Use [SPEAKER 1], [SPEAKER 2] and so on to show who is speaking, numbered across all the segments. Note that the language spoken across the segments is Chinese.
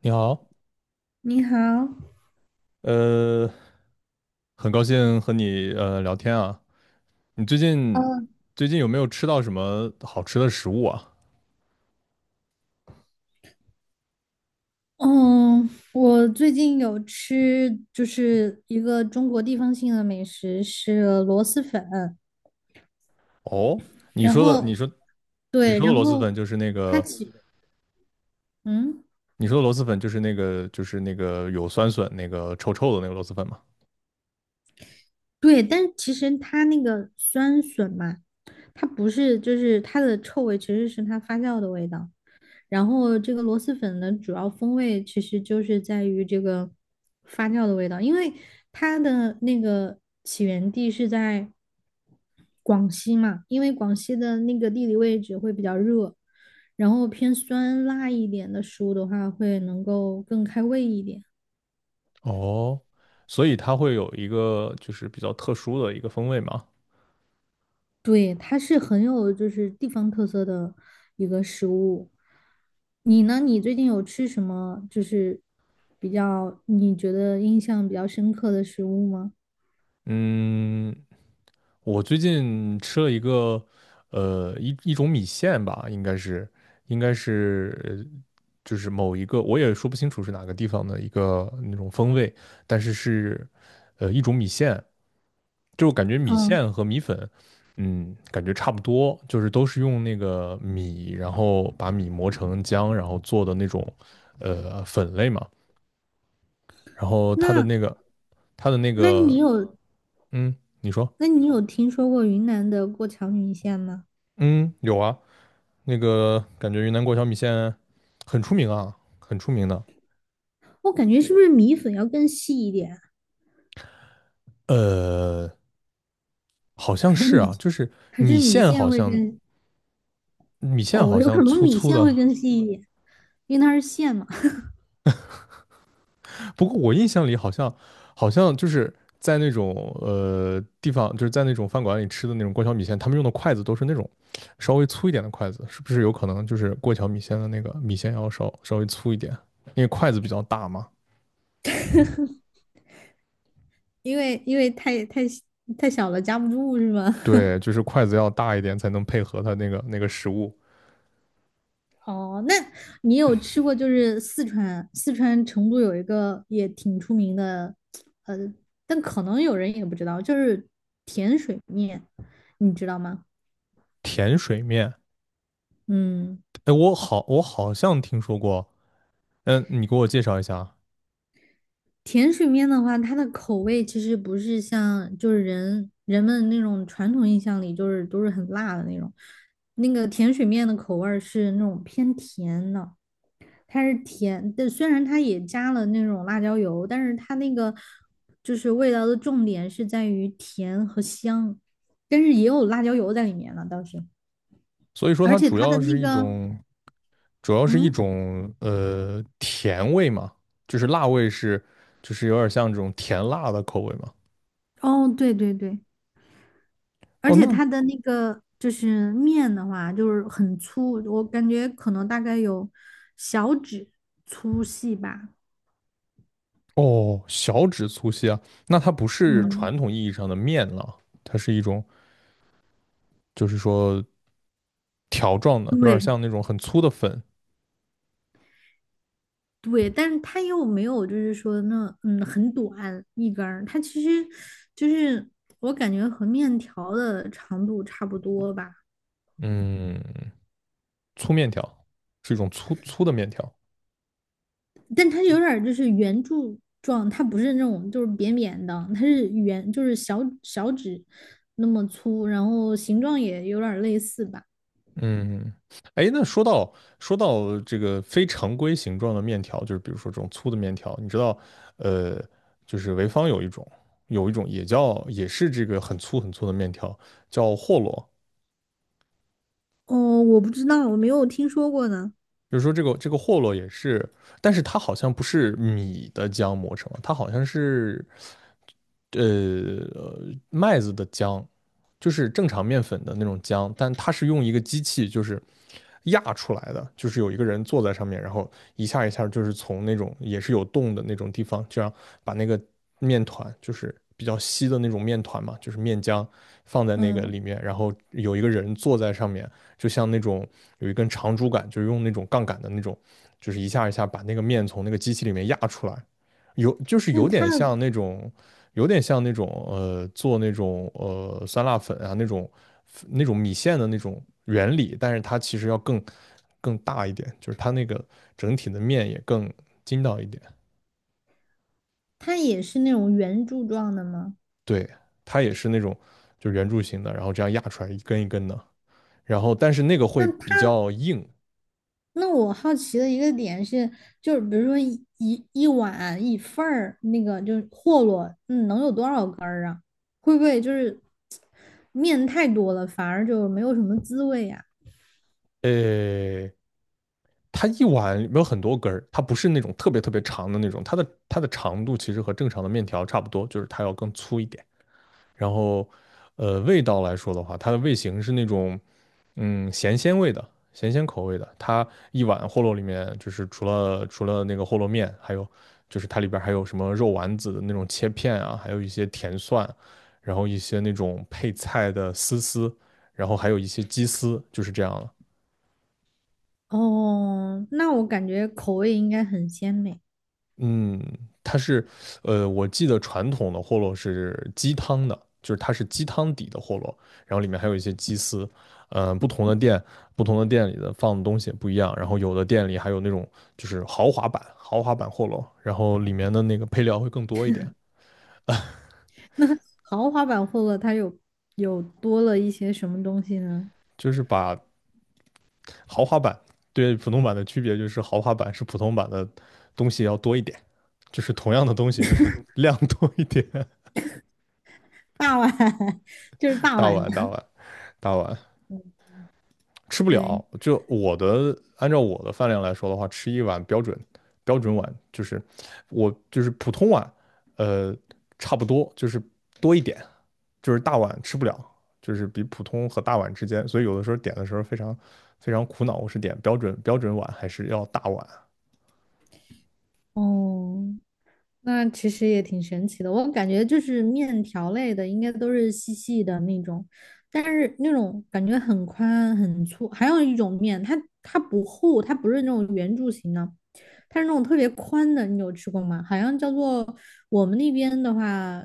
[SPEAKER 1] 你好，
[SPEAKER 2] 你好。
[SPEAKER 1] 呃，很高兴和你聊天啊。你最近
[SPEAKER 2] 嗯。
[SPEAKER 1] 有没有吃到什么好吃的食物啊？
[SPEAKER 2] 嗯，我最近有吃就是一个中国地方性的美食是螺蛳粉，
[SPEAKER 1] 哦，
[SPEAKER 2] 然后
[SPEAKER 1] 你
[SPEAKER 2] 对，
[SPEAKER 1] 说的
[SPEAKER 2] 然
[SPEAKER 1] 螺蛳
[SPEAKER 2] 后
[SPEAKER 1] 粉就是那
[SPEAKER 2] 它
[SPEAKER 1] 个
[SPEAKER 2] 其嗯
[SPEAKER 1] 你说的螺蛳粉就是那个有酸笋那个臭臭的那个螺蛳粉嘛？
[SPEAKER 2] 对，但其实它那个酸笋嘛，它不是就是它的臭味其实是它发酵的味道。然后这个螺蛳粉的主要风味其实就是在于这个发酵的味道，因为它的那个起源地是在广西嘛，因为广西的那个地理位置会比较热，然后偏酸辣一点的食物的话，会能够更开胃一点。
[SPEAKER 1] 哦，所以它会有一个就是比较特殊的一个风味嘛？
[SPEAKER 2] 对，它是很有就是地方特色的一个食物。你呢？你最近有吃什么就是比较你觉得印象比较深刻的食物吗？
[SPEAKER 1] 嗯，我最近吃了一个，一种米线吧，应该是，应该是，就是某一个，我也说不清楚是哪个地方的一个那种风味，但是是，一种米线，就感觉米
[SPEAKER 2] 嗯，
[SPEAKER 1] 线和米粉，嗯，感觉差不多，就是都是用那个米，然后把米磨成浆，然后做的那种，粉类嘛，然后它的
[SPEAKER 2] 那
[SPEAKER 1] 那个，它的那
[SPEAKER 2] 那你
[SPEAKER 1] 个，
[SPEAKER 2] 有
[SPEAKER 1] 嗯，你说，
[SPEAKER 2] 那你有听说过云南的过桥米线吗？
[SPEAKER 1] 嗯，有啊。那个感觉云南过桥米线很出名啊，很出名的。
[SPEAKER 2] 我感觉是不是米粉要更细一点，
[SPEAKER 1] 呃，好像
[SPEAKER 2] 还是
[SPEAKER 1] 是
[SPEAKER 2] 米
[SPEAKER 1] 啊，就是
[SPEAKER 2] 还是
[SPEAKER 1] 米
[SPEAKER 2] 米
[SPEAKER 1] 线
[SPEAKER 2] 线
[SPEAKER 1] 好
[SPEAKER 2] 会
[SPEAKER 1] 像
[SPEAKER 2] 更？
[SPEAKER 1] 米线
[SPEAKER 2] 哦，
[SPEAKER 1] 好
[SPEAKER 2] 有
[SPEAKER 1] 像
[SPEAKER 2] 可能
[SPEAKER 1] 粗
[SPEAKER 2] 米
[SPEAKER 1] 粗
[SPEAKER 2] 线
[SPEAKER 1] 的，
[SPEAKER 2] 会更细一点，因为它是线嘛，
[SPEAKER 1] 不过我印象里好像好像就是在那种地方，就是在那种饭馆里吃的那种过桥米线，他们用的筷子都是那种稍微粗一点的筷子，是不是有可能就是过桥米线的那个米线要稍微粗一点，因为筷子比较大嘛？
[SPEAKER 2] 因为太小了夹不住是吗？
[SPEAKER 1] 对，就是筷子要大一点才能配合它那个食物。
[SPEAKER 2] 哦，那你有吃过就是四川成都有一个也挺出名的，呃，但可能有人也不知道，就是甜水面，你知道吗？
[SPEAKER 1] 甜水面，
[SPEAKER 2] 嗯。
[SPEAKER 1] 我好像听说过，嗯，你给我介绍一下啊。
[SPEAKER 2] 甜水面的话，它的口味其实不是像就是人们那种传统印象里就是都是很辣的那种，那个甜水面的口味儿是那种偏甜的。它是甜的，虽然它也加了那种辣椒油，但是它那个就是味道的重点是在于甜和香，但是也有辣椒油在里面了倒是，
[SPEAKER 1] 所以说
[SPEAKER 2] 而
[SPEAKER 1] 它
[SPEAKER 2] 且
[SPEAKER 1] 主
[SPEAKER 2] 它的
[SPEAKER 1] 要是
[SPEAKER 2] 那
[SPEAKER 1] 一
[SPEAKER 2] 个。
[SPEAKER 1] 种，主要是一
[SPEAKER 2] 嗯。
[SPEAKER 1] 种甜味嘛，就是辣味是，就是有点像这种甜辣的口味嘛。
[SPEAKER 2] 哦，对对对，而
[SPEAKER 1] 哦，
[SPEAKER 2] 且
[SPEAKER 1] 那，
[SPEAKER 2] 它的那个就是面的话，就是很粗，我感觉可能大概有小指粗细吧。
[SPEAKER 1] 哦，小指粗细啊，那它不是传
[SPEAKER 2] 嗯。
[SPEAKER 1] 统意义上的面了，它是一种就是说条状的，有点
[SPEAKER 2] 对，
[SPEAKER 1] 像那种很粗的粉，
[SPEAKER 2] 对，但是它又没有，就是说那很短一根儿，它其实就是我感觉和面条的长度差不多吧，
[SPEAKER 1] 嗯，粗面条，是一种粗粗的面条。
[SPEAKER 2] 但它有点儿就是圆柱状，它不是那种就是扁扁的，它是圆，就是小指那么粗，然后形状也有点儿类似吧。
[SPEAKER 1] 嗯，哎，那说到这个非常规形状的面条，就是比如说这种粗的面条，你知道，呃，就是潍坊有一种，有一种也叫也是这个很粗很粗的面条，叫霍洛。
[SPEAKER 2] 哦，我不知道，我没有听说过呢。
[SPEAKER 1] 就是说这个霍洛也是，但是它好像不是米的浆磨成的，它好像是麦子的浆，就是正常面粉的那种浆，但它是用一个机器就是压出来的，就是有一个人坐在上面，然后一下一下就是从那种也是有洞的那种地方，这样把那个面团就是比较稀的那种面团嘛，就是面浆放在那个
[SPEAKER 2] 嗯，
[SPEAKER 1] 里面，然后有一个人坐在上面，就像那种有一根长竹竿，就是用那种杠杆的那种，就是一下一下把那个面从那个机器里面压出来。有就是
[SPEAKER 2] 那
[SPEAKER 1] 有
[SPEAKER 2] 它
[SPEAKER 1] 点像那种，有点像那种做那种酸辣粉啊那种那种米线的那种原理，但是它其实要更大一点，就是它那个整体的面也更筋道一点。
[SPEAKER 2] 它也是那种圆柱状的吗？
[SPEAKER 1] 对，它也是那种就是圆柱形的，然后这样压出来一根一根的，然后但是那个
[SPEAKER 2] 那
[SPEAKER 1] 会比
[SPEAKER 2] 它
[SPEAKER 1] 较硬，
[SPEAKER 2] 那我好奇的一个点是，就是比如说一碗一份儿那个就是霍洛，能有多少根儿啊？会不会就是面太多了，反而就没有什么滋味呀、
[SPEAKER 1] 呃。它一碗里面有很多根儿，它不是那种特别特别长的那种，它的长度其实和正常的面条差不多，就是它要更粗一点。然后，味道来说的话，它的味型是那种，嗯，咸鲜味的，咸鲜口味的。它一碗饸饹里面，就是除了那个饸饹面，还有就是它里边儿还有什么肉丸子的那种切片啊，还有一些甜蒜，然后一些那种配菜的丝丝，然后还有一些鸡丝，就是这样了。
[SPEAKER 2] 哦，那我感觉口味应该很鲜美。
[SPEAKER 1] 嗯，它是，我记得传统的货饹是鸡汤的，就是它是鸡汤底的货饹，然后里面还有一些鸡丝，呃，不同的店，不同的店里的放的东西也不一样，然后有的店里还有那种就是豪华版，豪华版货饹，然后里面的那个配料会更多一点，
[SPEAKER 2] 那豪华版霍洛它有多了一些什么东西呢？
[SPEAKER 1] 就是把豪华版对普通版的区别就是豪华版是普通版的东西要多一点，就是同样的东西就是量多一点，
[SPEAKER 2] 大碗，就是 大
[SPEAKER 1] 大
[SPEAKER 2] 碗
[SPEAKER 1] 碗大
[SPEAKER 2] 的，
[SPEAKER 1] 碗大碗，吃不
[SPEAKER 2] 对，
[SPEAKER 1] 了。就我的，按照我的饭量来说的话，吃一碗标准标准碗，就是我就是普通碗，呃，差不多就是多一点，就是大碗吃不了，就是比普通和大碗之间。所以有的时候点的时候非常苦恼，我是点标准碗还是要大碗？
[SPEAKER 2] 哦。那其实也挺神奇的，我感觉就是面条类的，应该都是细细的那种，但是那种感觉很宽很粗。还有一种面，它不厚，它不是那种圆柱形的，它是那种特别宽的。你有吃过吗？好像叫做我们那边的话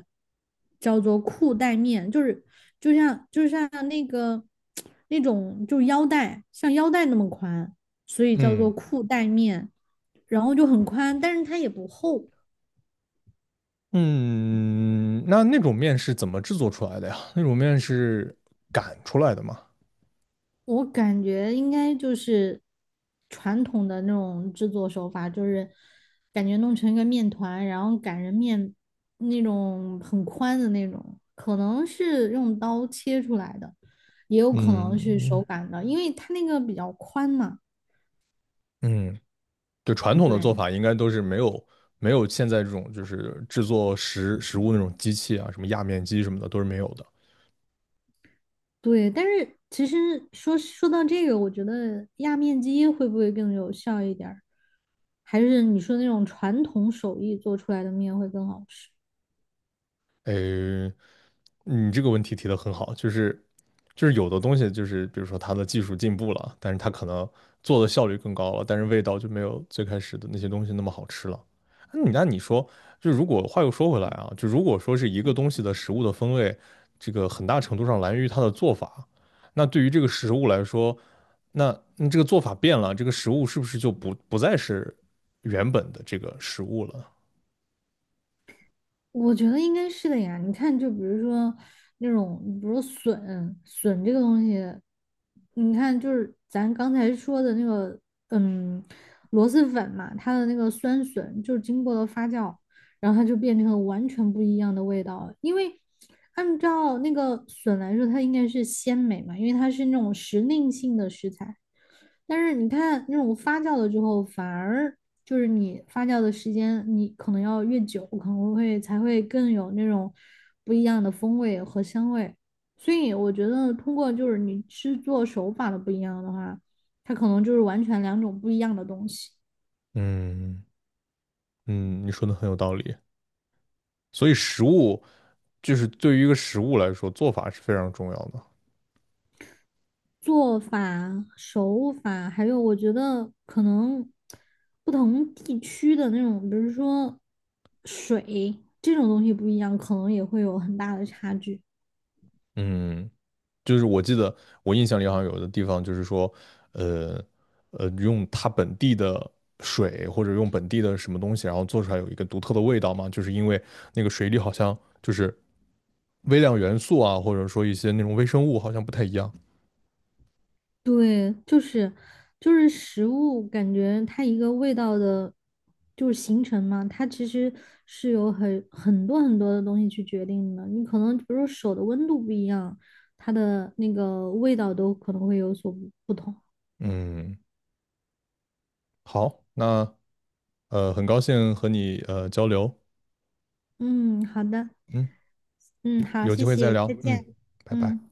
[SPEAKER 2] 叫做裤带面，就是就像那个 那种就是腰带，像腰带那么宽，所以叫做
[SPEAKER 1] 嗯
[SPEAKER 2] 裤带面，然后就很宽，但是它也不厚。
[SPEAKER 1] 嗯，那那种面是怎么制作出来的呀？那种面是擀出来的吗？
[SPEAKER 2] 我感觉应该就是传统的那种制作手法，就是感觉弄成一个面团，然后擀成面那种很宽的那种，可能是用刀切出来的，也有可
[SPEAKER 1] 嗯
[SPEAKER 2] 能是手
[SPEAKER 1] 嗯，
[SPEAKER 2] 擀的，因为它那个比较宽嘛。
[SPEAKER 1] 嗯，对传统的做
[SPEAKER 2] 对
[SPEAKER 1] 法，应该都是没有现在这种就是制作食物那种机器啊，什么压面机什么的都是没有的。
[SPEAKER 2] 对，但是其实说到这个，我觉得压面机会不会更有效一点儿？还是你说那种传统手艺做出来的面会更好吃？
[SPEAKER 1] 诶，你这个问题提得很好，就是有的东西就是比如说它的技术进步了，但是它可能做的效率更高了，但是味道就没有最开始的那些东西那么好吃了。那你说，就如果话又说回来啊，就如果说是一个东西的食物的风味，这个很大程度上来源于它的做法。那对于这个食物来说，那你这个做法变了，这个食物是不是就不再是原本的这个食物了？
[SPEAKER 2] 我觉得应该是的呀。你看，就比如说那种，比如说笋，笋这个东西，你看，就是咱刚才说的那个。嗯。螺蛳粉嘛，它的那个酸笋就是经过了发酵，然后它就变成了完全不一样的味道了，因为按照那个笋来说，它应该是鲜美嘛，因为它是那种时令性的食材。但是你看那种发酵了之后，反而就是你发酵的时间，你可能要越久，可能会才会更有那种不一样的风味和香味。所以我觉得，通过就是你制作手法的不一样的话，它可能就是完全两种不一样的东西。
[SPEAKER 1] 嗯嗯，你说的很有道理。所以食物就是对于一个食物来说，做法是非常重要的。
[SPEAKER 2] 做法、手法，还有我觉得可能不同地区的那种，比如说水这种东西不一样，可能也会有很大的差距。
[SPEAKER 1] 嗯，就是我记得我印象里好像有的地方就是说，呃用它本地的水或者用本地的什么东西，然后做出来有一个独特的味道嘛，就是因为那个水里好像就是微量元素啊，或者说一些那种微生物好像不太一样。
[SPEAKER 2] 对，就是食物，感觉它一个味道的，就是形成嘛，它其实是有很多很多的东西去决定的。你可能比如说手的温度不一样，它的那个味道都可能会有所不同。
[SPEAKER 1] 嗯，好，那很高兴和你交流，
[SPEAKER 2] 嗯，好的。
[SPEAKER 1] 嗯，
[SPEAKER 2] 嗯，好，
[SPEAKER 1] 有
[SPEAKER 2] 谢
[SPEAKER 1] 机会再
[SPEAKER 2] 谢，再
[SPEAKER 1] 聊，嗯，
[SPEAKER 2] 见。
[SPEAKER 1] 拜拜。
[SPEAKER 2] 嗯。